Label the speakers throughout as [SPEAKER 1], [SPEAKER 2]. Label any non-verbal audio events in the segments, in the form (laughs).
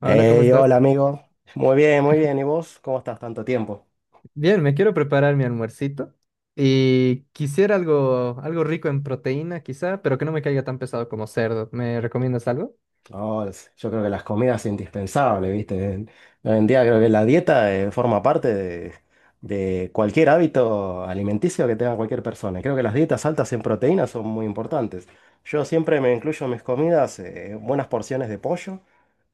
[SPEAKER 1] Hola, ¿cómo
[SPEAKER 2] Hey,
[SPEAKER 1] estás?
[SPEAKER 2] hola amigo. Muy bien, muy bien. ¿Y vos? ¿Cómo estás? Tanto tiempo.
[SPEAKER 1] Bien, me quiero preparar mi almuercito y quisiera algo rico en proteína, quizá, pero que no me caiga tan pesado como cerdo. ¿Me recomiendas algo?
[SPEAKER 2] No, yo creo que las comidas es indispensable, ¿viste? Hoy en día creo que la dieta forma parte de, cualquier hábito alimenticio que tenga cualquier persona. Y creo que las dietas altas en proteínas son muy importantes. Yo siempre me incluyo en mis comidas buenas porciones de pollo,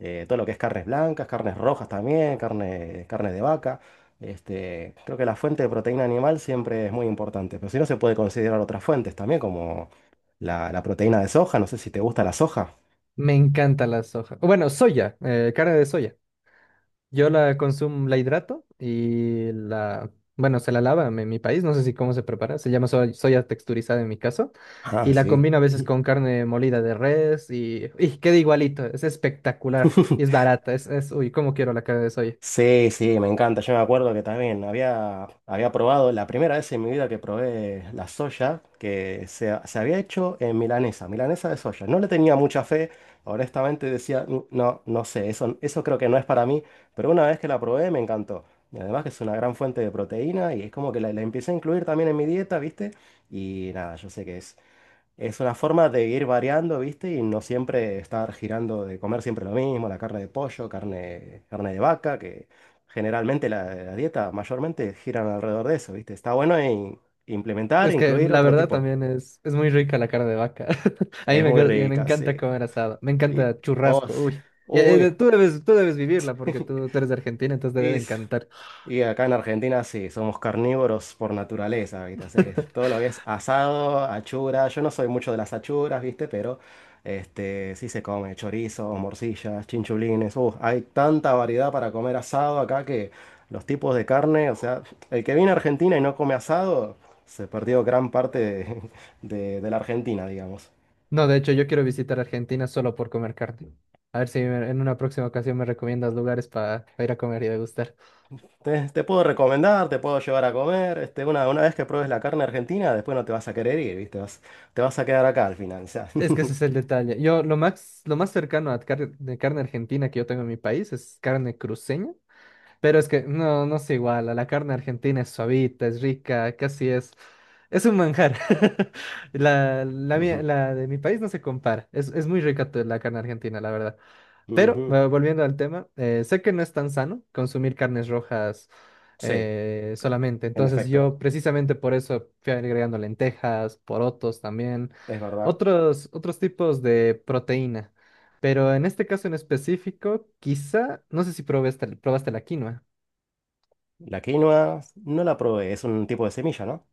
[SPEAKER 2] todo lo que es carnes blancas, carnes rojas también, carne de vaca. Este, creo que la fuente de proteína animal siempre es muy importante, pero si no se puede considerar otras fuentes también, como la proteína de soja, no sé si te gusta la soja.
[SPEAKER 1] Me encanta la soja. O bueno, soya, carne de soya. Yo la consumo, la hidrato y bueno, se la lava en mi país, no sé si cómo se prepara, se llama soya, soya texturizada en mi caso,
[SPEAKER 2] Ah,
[SPEAKER 1] y la
[SPEAKER 2] sí.
[SPEAKER 1] combino a veces con carne molida de res y queda igualito, es espectacular y es
[SPEAKER 2] (laughs)
[SPEAKER 1] barata, uy, cómo quiero la carne de soya.
[SPEAKER 2] Sí, sí, me encanta. Yo me acuerdo que también había probado, la primera vez en mi vida que probé la soya, que se había hecho en milanesa de soya. No le tenía mucha fe, honestamente decía: "Mm, no, no sé, eso creo que no es para mí", pero una vez que la probé me encantó. Y además que es una gran fuente de proteína y es como que la empecé a incluir también en mi dieta, ¿viste? Y nada, yo sé que es una forma de ir variando, ¿viste? Y no siempre estar girando de comer siempre lo mismo, la carne de pollo, carne de vaca, que generalmente la dieta mayormente giran alrededor de eso, ¿viste? Está bueno implementar,
[SPEAKER 1] Es que
[SPEAKER 2] incluir
[SPEAKER 1] la
[SPEAKER 2] otro
[SPEAKER 1] verdad
[SPEAKER 2] tipo.
[SPEAKER 1] también es muy rica la carne de vaca. (laughs) A
[SPEAKER 2] Es muy
[SPEAKER 1] me
[SPEAKER 2] rica, sí.
[SPEAKER 1] encanta comer asado. Me
[SPEAKER 2] Y,
[SPEAKER 1] encanta
[SPEAKER 2] oh,
[SPEAKER 1] churrasco.
[SPEAKER 2] sí.
[SPEAKER 1] Uy. Y,
[SPEAKER 2] Uy,
[SPEAKER 1] tú debes vivirla porque
[SPEAKER 2] (laughs)
[SPEAKER 1] tú eres de Argentina, entonces te debe
[SPEAKER 2] es,
[SPEAKER 1] encantar.
[SPEAKER 2] Y acá en Argentina sí, somos carnívoros por naturaleza, ¿viste? O sea que todo lo
[SPEAKER 1] (laughs)
[SPEAKER 2] que es asado, achura, yo no soy mucho de las achuras, ¿viste? Pero este, sí se come chorizo, morcillas, chinchulines, hay tanta variedad para comer asado acá que los tipos de carne, o sea, el que viene a Argentina y no come asado, se perdió gran parte (laughs) de la Argentina, digamos.
[SPEAKER 1] No, de hecho, yo quiero visitar Argentina solo por comer carne. A ver si en una próxima ocasión me recomiendas lugares para ir a comer y degustar.
[SPEAKER 2] Te puedo recomendar, te puedo llevar a comer. Este, una vez que pruebes la carne argentina, después no te vas a querer ir, ¿viste? Te vas a quedar acá al final. O sea.
[SPEAKER 1] Es que ese es
[SPEAKER 2] (laughs)
[SPEAKER 1] el detalle. Yo lo más cercano a de carne argentina que yo tengo en mi país es carne cruceña. Pero es que no, no se iguala. La carne argentina es suavita, es rica, casi es. Es un manjar. (laughs)
[SPEAKER 2] Ujú.
[SPEAKER 1] La de mi país no se compara. Es muy rica la carne argentina, la verdad. Pero
[SPEAKER 2] Ujú.
[SPEAKER 1] volviendo al tema, sé que no es tan sano consumir carnes rojas
[SPEAKER 2] Sí,
[SPEAKER 1] solamente.
[SPEAKER 2] en
[SPEAKER 1] Entonces
[SPEAKER 2] efecto,
[SPEAKER 1] yo precisamente por eso fui agregando lentejas, porotos también,
[SPEAKER 2] es verdad.
[SPEAKER 1] otros tipos de proteína. Pero en este caso en específico, quizá, no sé si probaste la quinoa.
[SPEAKER 2] La quinoa no la probé, es un tipo de semilla, ¿no?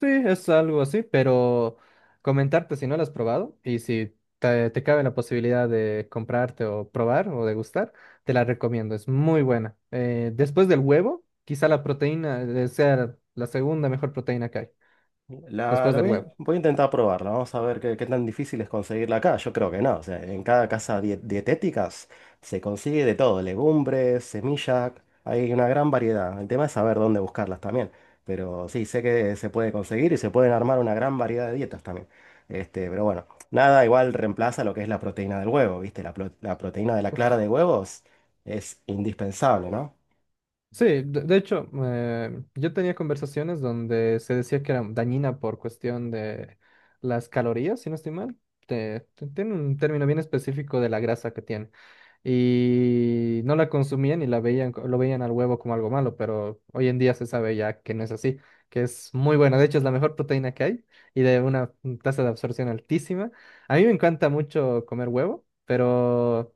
[SPEAKER 1] Sí, es algo así, pero comentarte si no lo has probado y si te cabe la posibilidad de comprarte o probar o degustar, te la recomiendo, es muy buena. Después del huevo, quizá la proteína sea la segunda mejor proteína que hay,
[SPEAKER 2] La,
[SPEAKER 1] después
[SPEAKER 2] la
[SPEAKER 1] del
[SPEAKER 2] voy,
[SPEAKER 1] huevo.
[SPEAKER 2] voy a intentar probarla. Vamos a ver qué, tan difícil es conseguirla acá. Yo creo que no. O sea, en cada casa dietéticas se consigue de todo. Legumbres, semillas. Hay una gran variedad. El tema es saber dónde buscarlas también. Pero sí, sé que se puede conseguir y se pueden armar una gran variedad de dietas también. Este, pero bueno, nada igual reemplaza lo que es la proteína del huevo, ¿viste? La proteína de la clara de huevos es indispensable, ¿no?
[SPEAKER 1] Sí, de hecho, yo tenía conversaciones donde se decía que era dañina por cuestión de las calorías, si no estoy mal. Tiene un término bien específico de la grasa que tiene. Y no la consumían y la veían, lo veían al huevo como algo malo, pero hoy en día se sabe ya que no es así, que es muy buena. De hecho, es la mejor proteína que hay y de una tasa de absorción altísima. A mí me encanta mucho comer huevo, pero...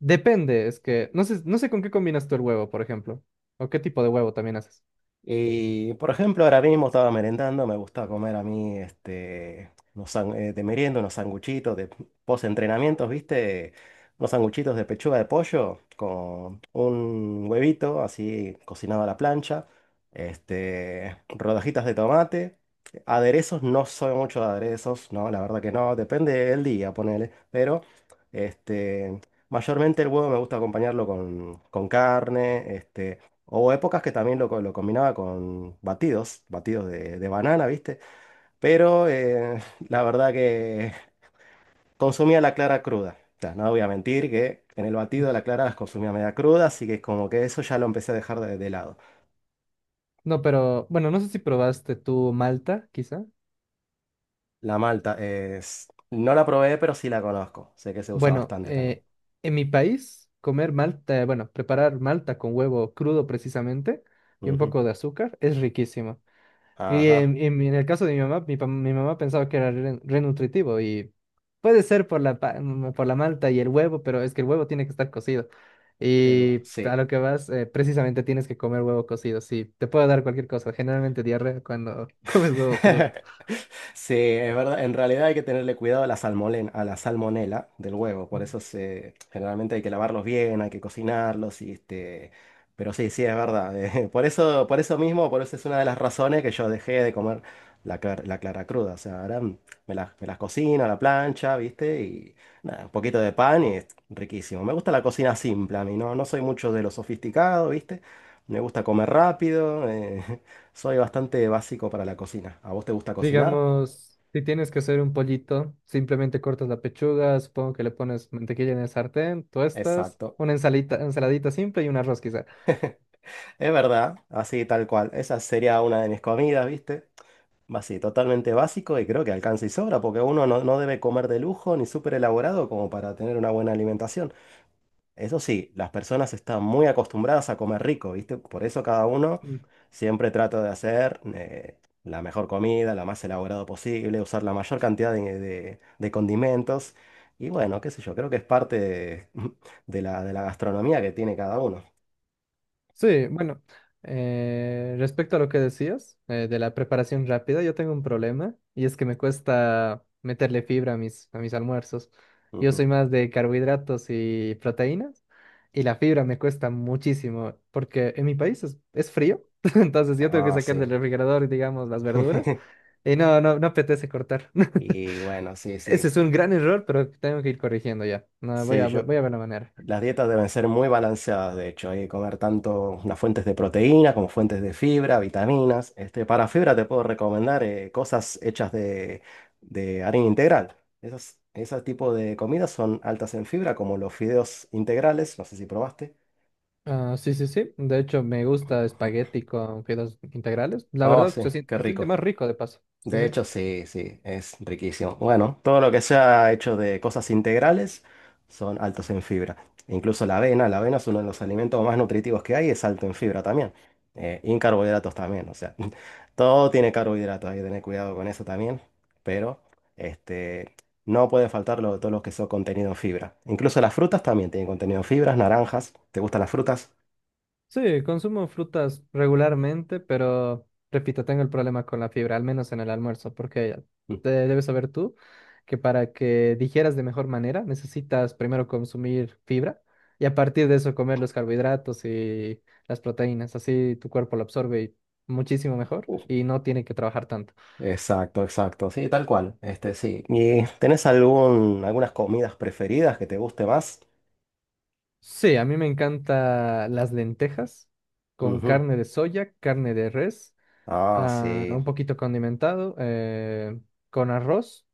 [SPEAKER 1] Depende, es que no sé, no sé con qué combinas tú el huevo, por ejemplo, o qué tipo de huevo también haces.
[SPEAKER 2] Y, por ejemplo, ahora mismo estaba merendando, me gusta comer a mí, este, de merienda, unos sanguchitos de post-entrenamientos, ¿viste? Unos sanguchitos de pechuga de pollo con un huevito así cocinado a la plancha, este, rodajitas de tomate. Aderezos, no soy mucho de aderezos, no, la verdad que no, depende del día, ponele, pero este, mayormente el huevo me gusta acompañarlo con, carne. Este, hubo épocas que también lo combinaba con batidos de, banana, ¿viste? Pero (laughs) la verdad que consumía la clara cruda. O sea, no voy a mentir que en el batido
[SPEAKER 1] Mm.
[SPEAKER 2] de la clara las consumía media cruda, así que como que eso ya lo empecé a dejar de lado.
[SPEAKER 1] No, pero bueno, no sé si probaste tú malta, quizá.
[SPEAKER 2] La malta es... No la probé, pero sí la conozco. Sé que se usa
[SPEAKER 1] Bueno,
[SPEAKER 2] bastante también.
[SPEAKER 1] en mi país, comer malta, bueno, preparar malta con huevo crudo precisamente y un
[SPEAKER 2] Ujú.
[SPEAKER 1] poco de azúcar es riquísimo. Y
[SPEAKER 2] Ajá.
[SPEAKER 1] en el caso de mi mamá, mi mamá pensaba que era renutritivo y puede ser por por la malta y el huevo, pero es que el huevo tiene que estar cocido.
[SPEAKER 2] El-
[SPEAKER 1] Y a
[SPEAKER 2] sí.
[SPEAKER 1] lo que vas, precisamente tienes que comer huevo cocido. Sí, te puede dar cualquier cosa, generalmente diarrea cuando (laughs) comes huevo crudo.
[SPEAKER 2] (laughs) Sí, es verdad. En realidad hay que tenerle cuidado a la salmonela del huevo. Por eso se, generalmente hay que lavarlos bien, hay que cocinarlos. Y este, pero sí, sí, es verdad. (laughs) Por eso, por eso mismo, por eso es una de las razones que yo dejé de comer la clara cruda. O sea, ahora me las cocino a la plancha, ¿viste? Y nada, un poquito de pan y es riquísimo. Me gusta la cocina simple a mí, ¿no? No soy mucho de lo sofisticado, ¿viste? Me gusta comer rápido. (laughs) Soy bastante básico para la cocina. ¿A vos te gusta cocinar?
[SPEAKER 1] Digamos, si tienes que hacer un pollito, simplemente cortas la pechuga, supongo que le pones mantequilla en el sartén, tuestas,
[SPEAKER 2] Exacto.
[SPEAKER 1] una ensaladita simple y un arroz quizá.
[SPEAKER 2] Es verdad, así tal cual. Esa sería una de mis comidas, ¿viste? Así, totalmente básico, y creo que alcanza y sobra porque uno no, no debe comer de lujo ni súper elaborado como para tener una buena alimentación. Eso sí, las personas están muy acostumbradas a comer rico, ¿viste? Por eso cada uno siempre trata de hacer la mejor comida, la más elaborada posible, usar la mayor cantidad de condimentos. Y bueno, qué sé yo, creo que es parte (laughs) de la gastronomía que tiene cada uno.
[SPEAKER 1] Sí, bueno, respecto a lo que decías de la preparación rápida, yo tengo un problema y es que me cuesta meterle fibra a a mis almuerzos. Yo
[SPEAKER 2] Ujú.
[SPEAKER 1] soy más de carbohidratos y proteínas y la fibra me cuesta muchísimo porque en mi país es frío, (laughs) entonces yo tengo que
[SPEAKER 2] Ah,
[SPEAKER 1] sacar
[SPEAKER 2] sí.
[SPEAKER 1] del refrigerador, digamos, las verduras
[SPEAKER 2] (laughs)
[SPEAKER 1] y no apetece cortar.
[SPEAKER 2] Y bueno, sí,
[SPEAKER 1] (laughs)
[SPEAKER 2] sí.
[SPEAKER 1] Ese es un gran error, pero tengo que ir corrigiendo ya. No,
[SPEAKER 2] Sí, yo,
[SPEAKER 1] voy a ver la manera.
[SPEAKER 2] las dietas deben ser muy balanceadas, de hecho. Hay que comer tanto las fuentes de proteína como fuentes de fibra, vitaminas. Este, para fibra te puedo recomendar cosas hechas de, harina integral. Ese tipo de comidas son altas en fibra, como los fideos integrales. No sé si probaste.
[SPEAKER 1] Ah, sí, sí, sí. De hecho, me gusta espagueti con fideos integrales. La
[SPEAKER 2] Oh,
[SPEAKER 1] verdad,
[SPEAKER 2] sí, qué
[SPEAKER 1] se siente
[SPEAKER 2] rico.
[SPEAKER 1] más rico de paso. Sí,
[SPEAKER 2] De
[SPEAKER 1] sí.
[SPEAKER 2] hecho, sí, sí, es riquísimo. Bueno, todo lo que sea hecho de cosas integrales son altos en fibra. Incluso la avena es uno de los alimentos más nutritivos que hay, es alto en fibra también. Y en carbohidratos también, o sea, (laughs) todo tiene carbohidratos, hay que tener cuidado con eso también. Pero este, no puede faltar lo, todo lo que son contenido en fibra. Incluso las frutas también tienen contenido en fibras, naranjas. ¿Te gustan las frutas?
[SPEAKER 1] Sí, consumo frutas regularmente, pero repito, tengo el problema con la fibra, al menos en el almuerzo, porque te debes saber tú que para que digieras de mejor manera necesitas primero consumir fibra y a partir de eso comer los carbohidratos y las proteínas. Así tu cuerpo lo absorbe y muchísimo mejor
[SPEAKER 2] Mm.
[SPEAKER 1] y no tiene que trabajar tanto.
[SPEAKER 2] Exacto, exacto. Sí, tal cual. Este, sí. ¿Y tenés algún, algunas comidas preferidas que te guste más?
[SPEAKER 1] Sí, a mí me encantan las lentejas con
[SPEAKER 2] Ujú.
[SPEAKER 1] carne de soya, carne de res,
[SPEAKER 2] Ah,
[SPEAKER 1] ah,
[SPEAKER 2] sí.
[SPEAKER 1] un poquito condimentado, con arroz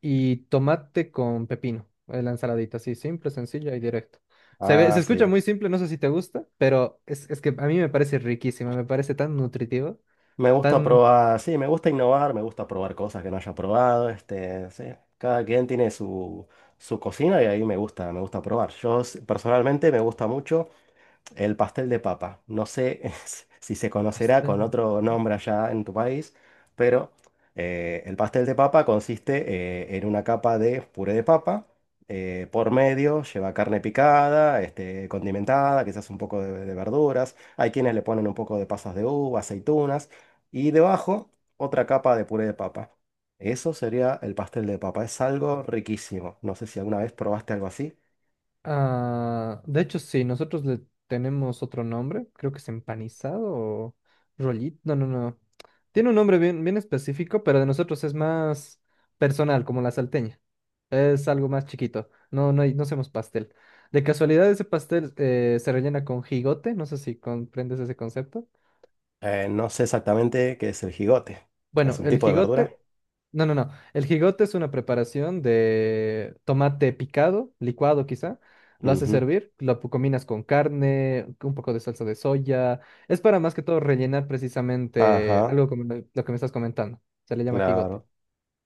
[SPEAKER 1] y tomate con pepino. La ensaladita, así simple, sencilla y directa. Se ve, se
[SPEAKER 2] Ah,
[SPEAKER 1] escucha
[SPEAKER 2] sí.
[SPEAKER 1] muy simple, no sé si te gusta, pero es que a mí me parece riquísima, me parece tan nutritivo,
[SPEAKER 2] Me gusta
[SPEAKER 1] tan...
[SPEAKER 2] probar, sí, me gusta innovar, me gusta probar cosas que no haya probado. Este, sí. Cada quien tiene su, cocina, y ahí me gusta probar. Personalmente me gusta mucho el pastel de papa. No sé (laughs) si se conocerá con otro nombre allá en tu país, pero el pastel de papa consiste en una capa de puré de papa. Eh, por medio lleva carne picada, este, condimentada, quizás un poco de, verduras. Hay quienes le ponen un poco de pasas de uva, aceitunas. Y debajo otra capa de puré de papa. Eso sería el pastel de papa. Es algo riquísimo. No sé si alguna vez probaste algo así.
[SPEAKER 1] Ah, de hecho, sí, nosotros le tenemos otro nombre, creo que es empanizado o rollito, no, no, no. Tiene un nombre bien específico, pero de nosotros es más personal, como la salteña. Es algo más chiquito, no, no, no hacemos pastel. De casualidad, ese pastel se rellena con jigote, no sé si comprendes ese concepto.
[SPEAKER 2] No sé exactamente qué es el jigote. ¿Es
[SPEAKER 1] Bueno,
[SPEAKER 2] un
[SPEAKER 1] el
[SPEAKER 2] tipo de
[SPEAKER 1] jigote,
[SPEAKER 2] verdura?
[SPEAKER 1] no, no, no. El jigote es una preparación de tomate picado, licuado quizá. Lo haces
[SPEAKER 2] Ujú.
[SPEAKER 1] hervir, combinas con carne, un poco de salsa de soya. Es para más que todo rellenar precisamente
[SPEAKER 2] Ajá,
[SPEAKER 1] algo como lo que me estás comentando. Se le llama jigote.
[SPEAKER 2] claro.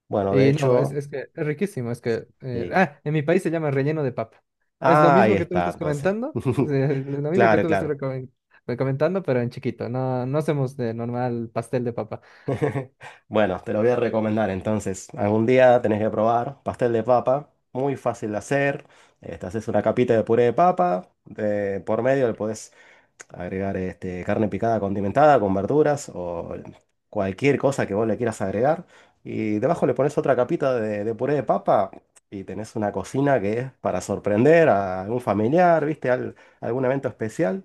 [SPEAKER 2] Bueno, de
[SPEAKER 1] Y no,
[SPEAKER 2] hecho,
[SPEAKER 1] es que es riquísimo, es que...
[SPEAKER 2] sí.
[SPEAKER 1] en mi país se llama relleno de papa. Es lo
[SPEAKER 2] Ah, ahí
[SPEAKER 1] mismo que tú me
[SPEAKER 2] está,
[SPEAKER 1] estás
[SPEAKER 2] entonces.
[SPEAKER 1] comentando, (laughs)
[SPEAKER 2] (laughs)
[SPEAKER 1] lo mismo que
[SPEAKER 2] Claro,
[SPEAKER 1] tú me estás
[SPEAKER 2] claro.
[SPEAKER 1] comentando, pero en chiquito. No, no hacemos de normal pastel de papa.
[SPEAKER 2] (laughs) Bueno, te lo voy a recomendar entonces. Algún día tenés que probar pastel de papa, muy fácil de hacer. Te haces una capita de puré de papa, por medio le podés agregar este, carne picada condimentada con verduras o cualquier cosa que vos le quieras agregar. Y debajo le pones otra capita de, puré de papa, y tenés una cocina que es para sorprender a algún familiar, ¿viste? Algún evento especial.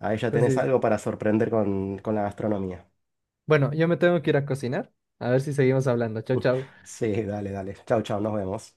[SPEAKER 2] Ahí ya tenés
[SPEAKER 1] Entonces,
[SPEAKER 2] algo para sorprender con, la gastronomía.
[SPEAKER 1] bueno, yo me tengo que ir a cocinar. A ver si seguimos hablando. Chau, chau.
[SPEAKER 2] (laughs) Sí, dale, dale. Chau, chau, nos vemos.